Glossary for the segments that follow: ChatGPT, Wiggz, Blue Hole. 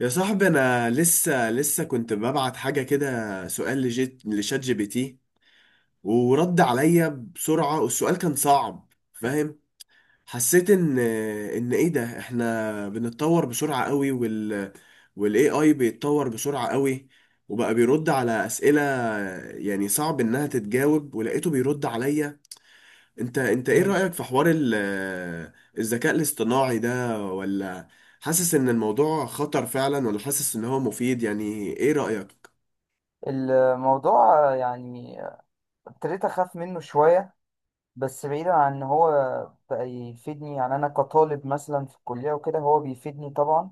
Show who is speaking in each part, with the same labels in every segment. Speaker 1: يا صاحبي انا لسه كنت ببعت حاجه كده سؤال لجيت لشات جي بي تي ورد عليا بسرعه، والسؤال كان صعب. فاهم؟ حسيت ان ايه ده، احنا بنتطور بسرعه قوي والاي اي بيتطور بسرعه قوي وبقى بيرد على اسئله يعني صعب انها تتجاوب، ولقيته بيرد عليا. انت ايه
Speaker 2: مم.
Speaker 1: رأيك في حوار الذكاء الاصطناعي ده؟ ولا حاسس ان الموضوع خطر فعلا، ولا حاسس ان هو مفيد؟ يعني ايه رأيك؟
Speaker 2: الموضوع يعني ابتديت اخاف منه شويه، بس بعيدا عن ان هو بقى يفيدني. يعني انا كطالب مثلا في الكليه وكده هو بيفيدني طبعا،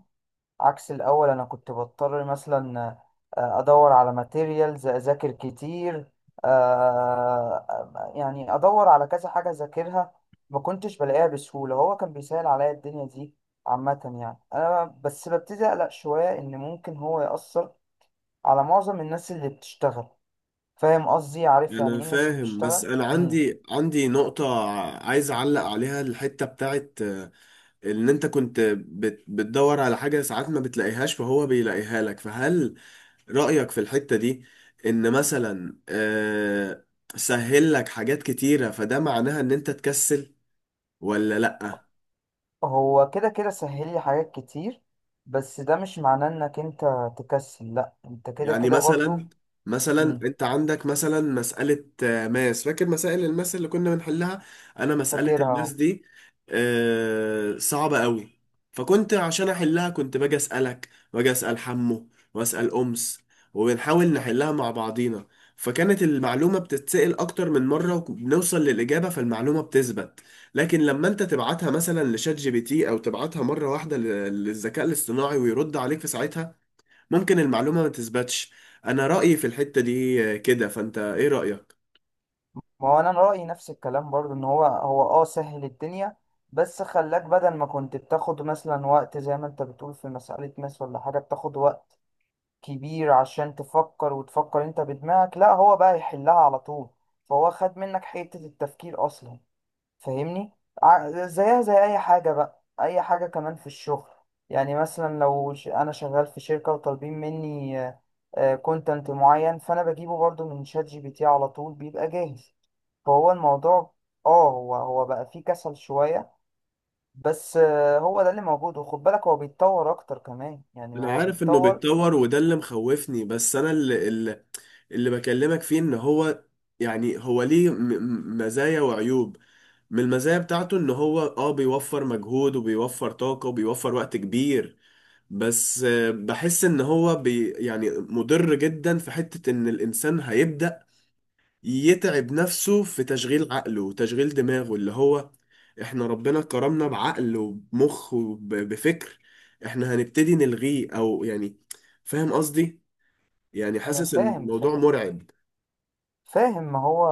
Speaker 2: عكس الاول. انا كنت بضطر مثلا ادور على ماتيريالز، اذاكر كتير. يعني ادور على كذا حاجه اذاكرها، ما كنتش بلاقيها بسهوله. هو كان بيسهل عليا الدنيا دي. عامه يعني انا بس ببتدي اقلق شويه ان ممكن هو ياثر على معظم الناس اللي بتشتغل. فاهم قصدي؟ عارف يعني
Speaker 1: انا
Speaker 2: ايه الناس اللي
Speaker 1: فاهم، بس
Speaker 2: بتشتغل؟
Speaker 1: انا عندي نقطة عايز اعلق عليها، الحتة بتاعت ان انت كنت بتدور على حاجة ساعات ما بتلاقيهاش فهو بيلاقيها لك. فهل رأيك في الحتة دي ان مثلا سهل لك حاجات كتيرة، فده معناها ان انت تكسل ولا لأ؟
Speaker 2: هو كده كده سهل لي حاجات كتير، بس ده مش معناه انك انت تكسل. لا، انت كده
Speaker 1: يعني
Speaker 2: كده برضو.
Speaker 1: مثلا، مثلا
Speaker 2: امم.
Speaker 1: انت عندك مثلا مسألة ماس، فاكر مسائل الماس اللي كنا بنحلها؟ انا مسألة
Speaker 2: فاكرها
Speaker 1: الماس
Speaker 2: أهو.
Speaker 1: دي صعبة قوي. فكنت عشان احلها كنت باجي اسألك واجي اسأل حمو واسأل امس وبنحاول نحلها مع بعضينا، فكانت المعلومة بتتسأل أكتر من مرة وبنوصل للإجابة فالمعلومة بتثبت. لكن لما أنت تبعتها مثلا لشات جي بي تي أو تبعتها مرة واحدة للذكاء الاصطناعي ويرد عليك في ساعتها، ممكن المعلومة ما تثبتش. انا رأيي في الحتة دي كده، فانت ايه رأيك؟
Speaker 2: ما هو انا رأيي نفس الكلام برضو، ان هو سهل الدنيا، بس خلاك. بدل ما كنت بتاخد مثلا وقت، زي ما انت بتقول في مسألة ماس ولا حاجة، بتاخد وقت كبير عشان تفكر وتفكر انت بدماغك، لا، هو بقى يحلها على طول. فهو خد منك حتة التفكير اصلا. فاهمني؟ زيها زي اي حاجه بقى، اي حاجه كمان في الشغل. يعني مثلا لو انا شغال في شركه وطالبين مني كونتنت معين، فانا بجيبه برضو من شات جي بي تي. على طول بيبقى جاهز. فهو الموضوع هو بقى فيه كسل شويه. بس هو ده اللي موجود. وخد بالك هو بيتطور اكتر كمان. يعني
Speaker 1: انا
Speaker 2: هو
Speaker 1: عارف انه
Speaker 2: بيتطور.
Speaker 1: بيتطور وده اللي مخوفني، بس انا اللي بكلمك فيه ان هو يعني هو ليه مزايا وعيوب. من المزايا بتاعته ان هو اه بيوفر مجهود وبيوفر طاقة وبيوفر وقت كبير. بس بحس ان هو يعني مضر جدا في حتة ان الانسان هيبدأ يتعب نفسه في تشغيل عقله وتشغيل دماغه، اللي هو احنا ربنا كرمنا بعقل وبمخ وبفكر، احنا هنبتدي نلغيه او يعني، فاهم قصدي؟ يعني
Speaker 2: انا
Speaker 1: حاسس ان
Speaker 2: فاهم،
Speaker 1: الموضوع
Speaker 2: فاهم،
Speaker 1: مرعب.
Speaker 2: فاهم. ما هو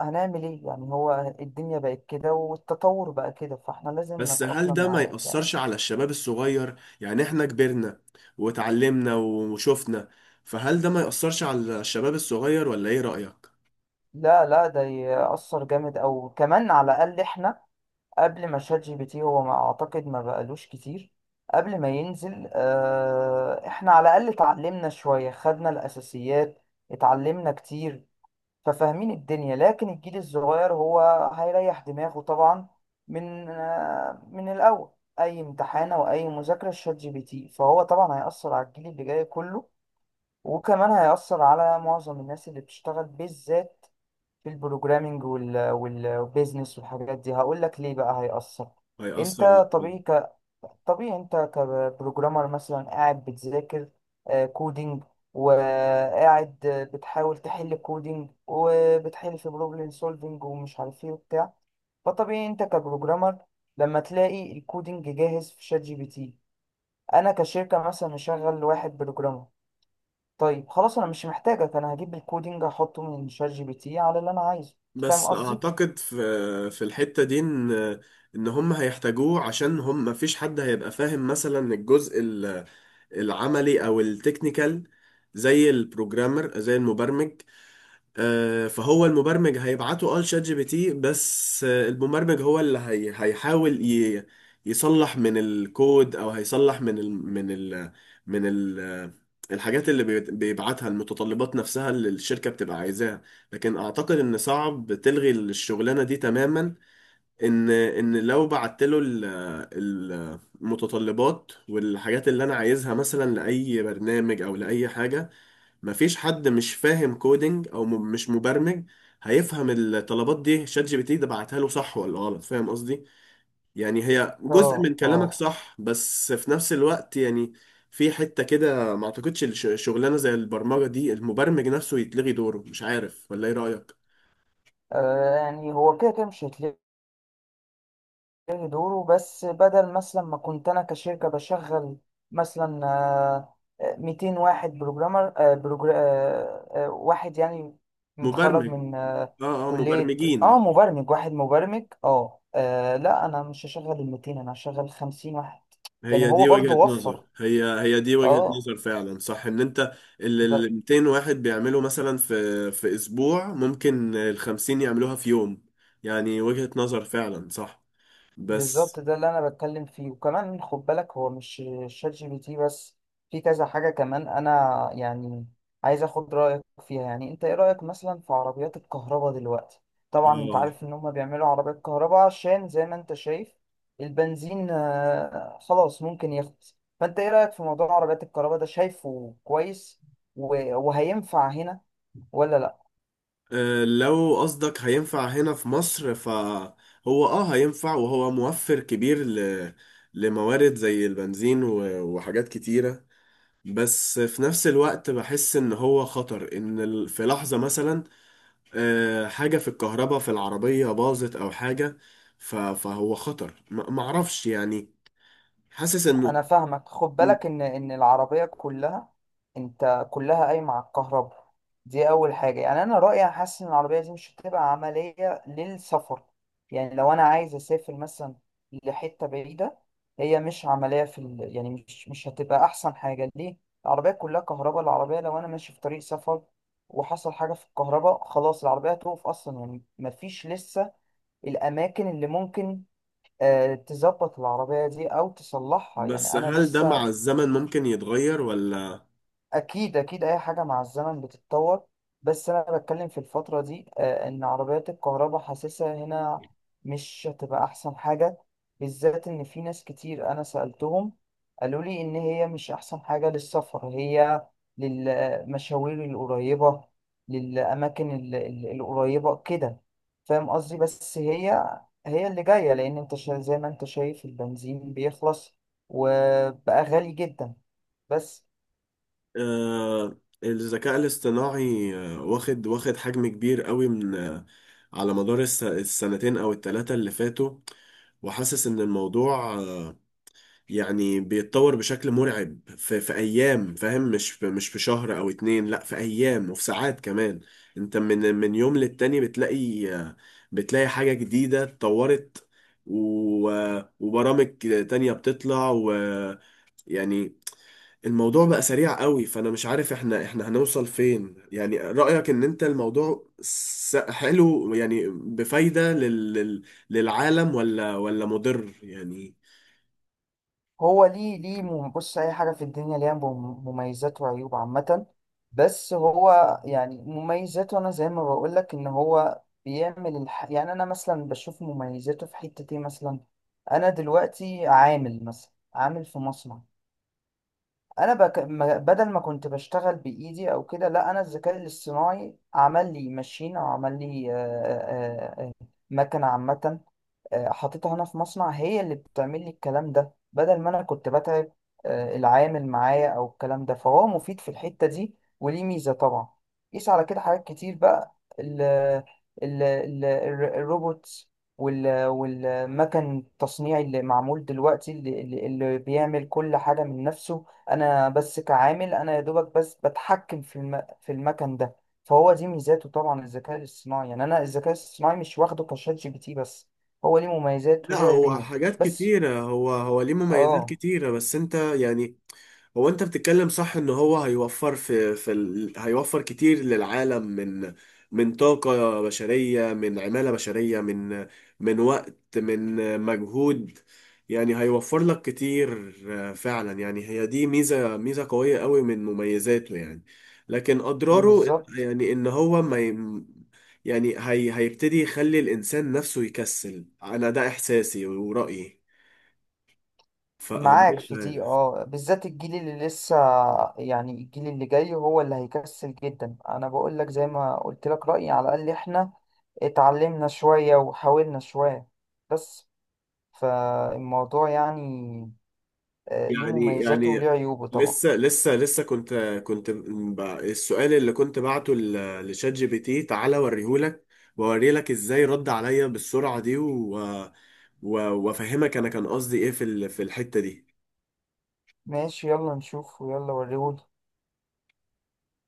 Speaker 2: هنعمل ايه؟ يعني هو الدنيا بقت كده والتطور بقى كده، فاحنا لازم
Speaker 1: بس هل
Speaker 2: نتأقلم
Speaker 1: ده ما
Speaker 2: معاه يعني.
Speaker 1: يأثرش على الشباب الصغير؟ يعني احنا كبرنا واتعلمنا وشفنا، فهل ده ما يأثرش على الشباب الصغير، ولا ايه رأيك؟
Speaker 2: لا، لا، ده يأثر جامد. او كمان، على الأقل احنا قبل ما شات جي بي تي، هو ما اعتقد ما بقالوش كتير قبل ما ينزل، احنا على الأقل اتعلمنا شوية، خدنا الأساسيات، اتعلمنا كتير، ففاهمين الدنيا. لكن الجيل الصغير هو هيريح دماغه طبعا من الأول. أي امتحان أو أي مذاكرة، شات جي بي تي. فهو طبعا هيأثر على الجيل اللي جاي كله، وكمان هيأثر على معظم الناس اللي بتشتغل، بالذات في البروجرامينج والبيزنس والحاجات دي. هقول لك ليه بقى هيأثر.
Speaker 1: هيأثر.
Speaker 2: انت طبيعي طبيعي، انت كبروجرامر مثلا قاعد بتذاكر كودينج، وقاعد بتحاول تحل كودينج، وبتحل في بروبلم سولفينج ومش عارف ايه وبتاع. فطبيعي انت كبروجرامر لما تلاقي الكودينج جاهز في شات جي بي تي. انا كشركة مثلا مشغل واحد بروجرامر، طيب خلاص انا مش محتاجك. انا هجيب الكودينج احطه من شات جي بي تي على اللي انا عايزه. فاهم
Speaker 1: بس
Speaker 2: قصدي؟
Speaker 1: اعتقد في في الحتة دي ان هم هيحتاجوه، عشان هم مفيش حد هيبقى فاهم مثلا الجزء العملي او التكنيكال، زي البروجرامر زي المبرمج. فهو المبرمج هيبعته اه لشات جي بي تي، بس المبرمج هو اللي هيحاول يصلح من الكود، او هيصلح من ال الحاجات اللي بيبعتها، المتطلبات نفسها اللي الشركة بتبقى عايزاها. لكن اعتقد ان صعب تلغي الشغلانة دي تماما. ان لو بعت له المتطلبات والحاجات اللي انا عايزها مثلا لاي برنامج او لاي حاجة، مفيش حد مش فاهم كودينج او مش مبرمج هيفهم الطلبات دي شات جي بي تي ده بعتها له صح ولا غلط. فاهم قصدي؟ يعني هي جزء من
Speaker 2: اه،
Speaker 1: كلامك
Speaker 2: اه.
Speaker 1: صح، بس في نفس الوقت يعني في حتة كده ما اعتقدش شغلانة زي البرمجة دي المبرمج نفسه يتلغي دوره. مش عارف، ولا ايه رأيك؟
Speaker 2: يعني هو كده كده مش هتلاقي إيه دوره. بس بدل مثلا ما كنت انا كشركه بشغل مثلا 200 واحد بروجرامر، آه، بروجر... آه، آه، واحد يعني متخرج
Speaker 1: مبرمج.
Speaker 2: من
Speaker 1: اه اه،
Speaker 2: كليه،
Speaker 1: مبرمجين.
Speaker 2: مبرمج واحد، مبرمج، لا انا مش هشغل ال 200، انا هشغل 50 واحد. يعني
Speaker 1: هي
Speaker 2: هو
Speaker 1: دي وجهة
Speaker 2: برضو وفر.
Speaker 1: نظر، هي دي وجهة
Speaker 2: اه،
Speaker 1: نظر فعلا صح، ان انت اللي
Speaker 2: ده
Speaker 1: ال 200 واحد بيعملوا مثلا في في اسبوع ممكن ال 50 يعملوها في يوم. يعني وجهة نظر فعلا صح
Speaker 2: بالظبط،
Speaker 1: بس.
Speaker 2: ده اللي انا بتكلم فيه. وكمان خد بالك هو مش شات جي بي تي بس، في كذا حاجة كمان انا يعني عايز اخد رأيك فيها. يعني انت ايه رأيك مثلا في عربيات الكهرباء دلوقتي؟ طبعا انت
Speaker 1: اه،
Speaker 2: عارف ان هم بيعملوا عربيات كهرباء عشان، زي ما انت شايف، البنزين خلاص ممكن يخلص. فانت ايه رأيك في موضوع عربيات الكهرباء ده؟ شايفه كويس وهينفع هنا ولا لا؟
Speaker 1: لو قصدك هينفع هنا في مصر، فهو اه هينفع، وهو موفر كبير لموارد زي البنزين وحاجات كتيرة. بس في نفس الوقت بحس ان هو خطر، ان في لحظة مثلا حاجة في الكهرباء في العربية باظت أو حاجة، فهو خطر، معرفش يعني. حاسس إنه
Speaker 2: انا فاهمك. خد
Speaker 1: م-
Speaker 2: بالك ان العربيه كلها، انت، كلها قايمه على الكهرباء. دي اول حاجه. يعني انا رايي، أنا حاسس ان العربيه دي مش هتبقى عمليه للسفر. يعني لو انا عايز اسافر مثلا لحته بعيده، هي مش عمليه في يعني مش هتبقى احسن حاجه ليه. العربيه كلها كهرباء. العربيه لو انا ماشي في طريق سفر وحصل حاجه في الكهرباء، خلاص، العربيه هتقف اصلا. يعني مفيش لسه الاماكن اللي ممكن تظبط العربية دي أو تصلحها.
Speaker 1: بس
Speaker 2: يعني أنا
Speaker 1: هل ده مع
Speaker 2: لسه.
Speaker 1: الزمن ممكن يتغير ولا؟
Speaker 2: اكيد، اكيد، اي حاجه مع الزمن بتتطور. بس انا بتكلم في الفتره دي، ان عربيات الكهرباء حاسسها هنا مش هتبقى احسن حاجه، بالذات ان في ناس كتير انا سالتهم قالوا لي ان هي مش احسن حاجه للسفر. هي للمشاوير القريبه، للاماكن القريبه كده. فاهم قصدي؟ بس هي اللي جايه، لان انت زي ما انت شايف البنزين بيخلص وبقى غالي جدا بس.
Speaker 1: آه، الذكاء الاصطناعي واخد حجم كبير قوي من، على مدار السنتين أو التلاتة اللي فاتوا. وحاسس إن الموضوع يعني بيتطور بشكل مرعب في ايام، فاهم؟ مش في، مش في شهر او اتنين، لا في ايام وفي ساعات كمان. انت من يوم للتاني بتلاقي، بتلاقي حاجة جديدة اتطورت. و... وبرامج تانية بتطلع، ويعني الموضوع بقى سريع قوي، فانا مش عارف احنا، احنا هنوصل فين يعني. رأيك ان انت الموضوع حلو يعني بفايدة للعالم، ولا، ولا مضر يعني؟
Speaker 2: هو ليه بص، أي حاجة في الدنيا ليها مميزات وعيوب عامة. بس هو يعني مميزاته، أنا زي ما بقولك إن هو بيعمل يعني أنا مثلا بشوف مميزاته في حتة إيه. مثلا أنا دلوقتي عامل، مثلا عامل في مصنع. أنا بك... ما- بدل ما كنت بشتغل بإيدي أو كده، لا، أنا الذكاء الاصطناعي عمل لي ماشين أو عمل لي مكنة عامة حطيتها هنا في مصنع. هي اللي بتعمل لي الكلام ده بدل ما انا كنت بتعب العامل معايا او الكلام ده. فهو مفيد في الحتة دي وليه ميزة طبعا. قيس على كده حاجات كتير بقى، ال ال ال الروبوت والمكن التصنيعي اللي معمول دلوقتي، اللي بيعمل كل حاجة من نفسه. انا بس كعامل، انا يا دوبك بس بتحكم في المكن ده. فهو دي ميزاته طبعا. الذكاء الاصطناعي، يعني انا الذكاء الاصطناعي مش واخده كشات جي بي تي بس. هو ليه مميزات
Speaker 1: لا
Speaker 2: وليه
Speaker 1: هو
Speaker 2: عيوب
Speaker 1: حاجات
Speaker 2: بس.
Speaker 1: كتيرة، هو ليه مميزات
Speaker 2: اه،
Speaker 1: كتيرة بس انت يعني، هو انت بتتكلم صح ان هو هيوفر في هيوفر كتير للعالم من من طاقة بشرية، من عمالة بشرية، من من وقت، من مجهود. يعني هيوفر لك كتير فعلا. يعني هي دي ميزة، ميزة قوية قوي من مميزاته يعني. لكن اضراره
Speaker 2: بالظبط،
Speaker 1: يعني ان هو ما ي... يعني هيبتدي يخلي الانسان نفسه يكسل. انا ده احساسي ورأيي،
Speaker 2: معاك
Speaker 1: فمش
Speaker 2: في دي.
Speaker 1: عارف.
Speaker 2: اه بالذات الجيل اللي لسه، يعني الجيل اللي جاي هو اللي هيكسل جدا. انا بقول لك، زي ما قلت لك رأيي، على الاقل احنا اتعلمنا شوية وحاولنا شوية بس. فالموضوع يعني ليه
Speaker 1: يعني
Speaker 2: مميزاته
Speaker 1: يعني
Speaker 2: وليه عيوبه طبعا.
Speaker 1: لسه كنت، كنت السؤال اللي كنت بعته لشات جي بي تي، تعالى اوريهولك واوريلك ازاي رد عليا بالسرعة دي، و وافهمك انا كان قصدي ايه في في الحتة دي.
Speaker 2: ماشي، يلا نشوف، ويلا وريهولي.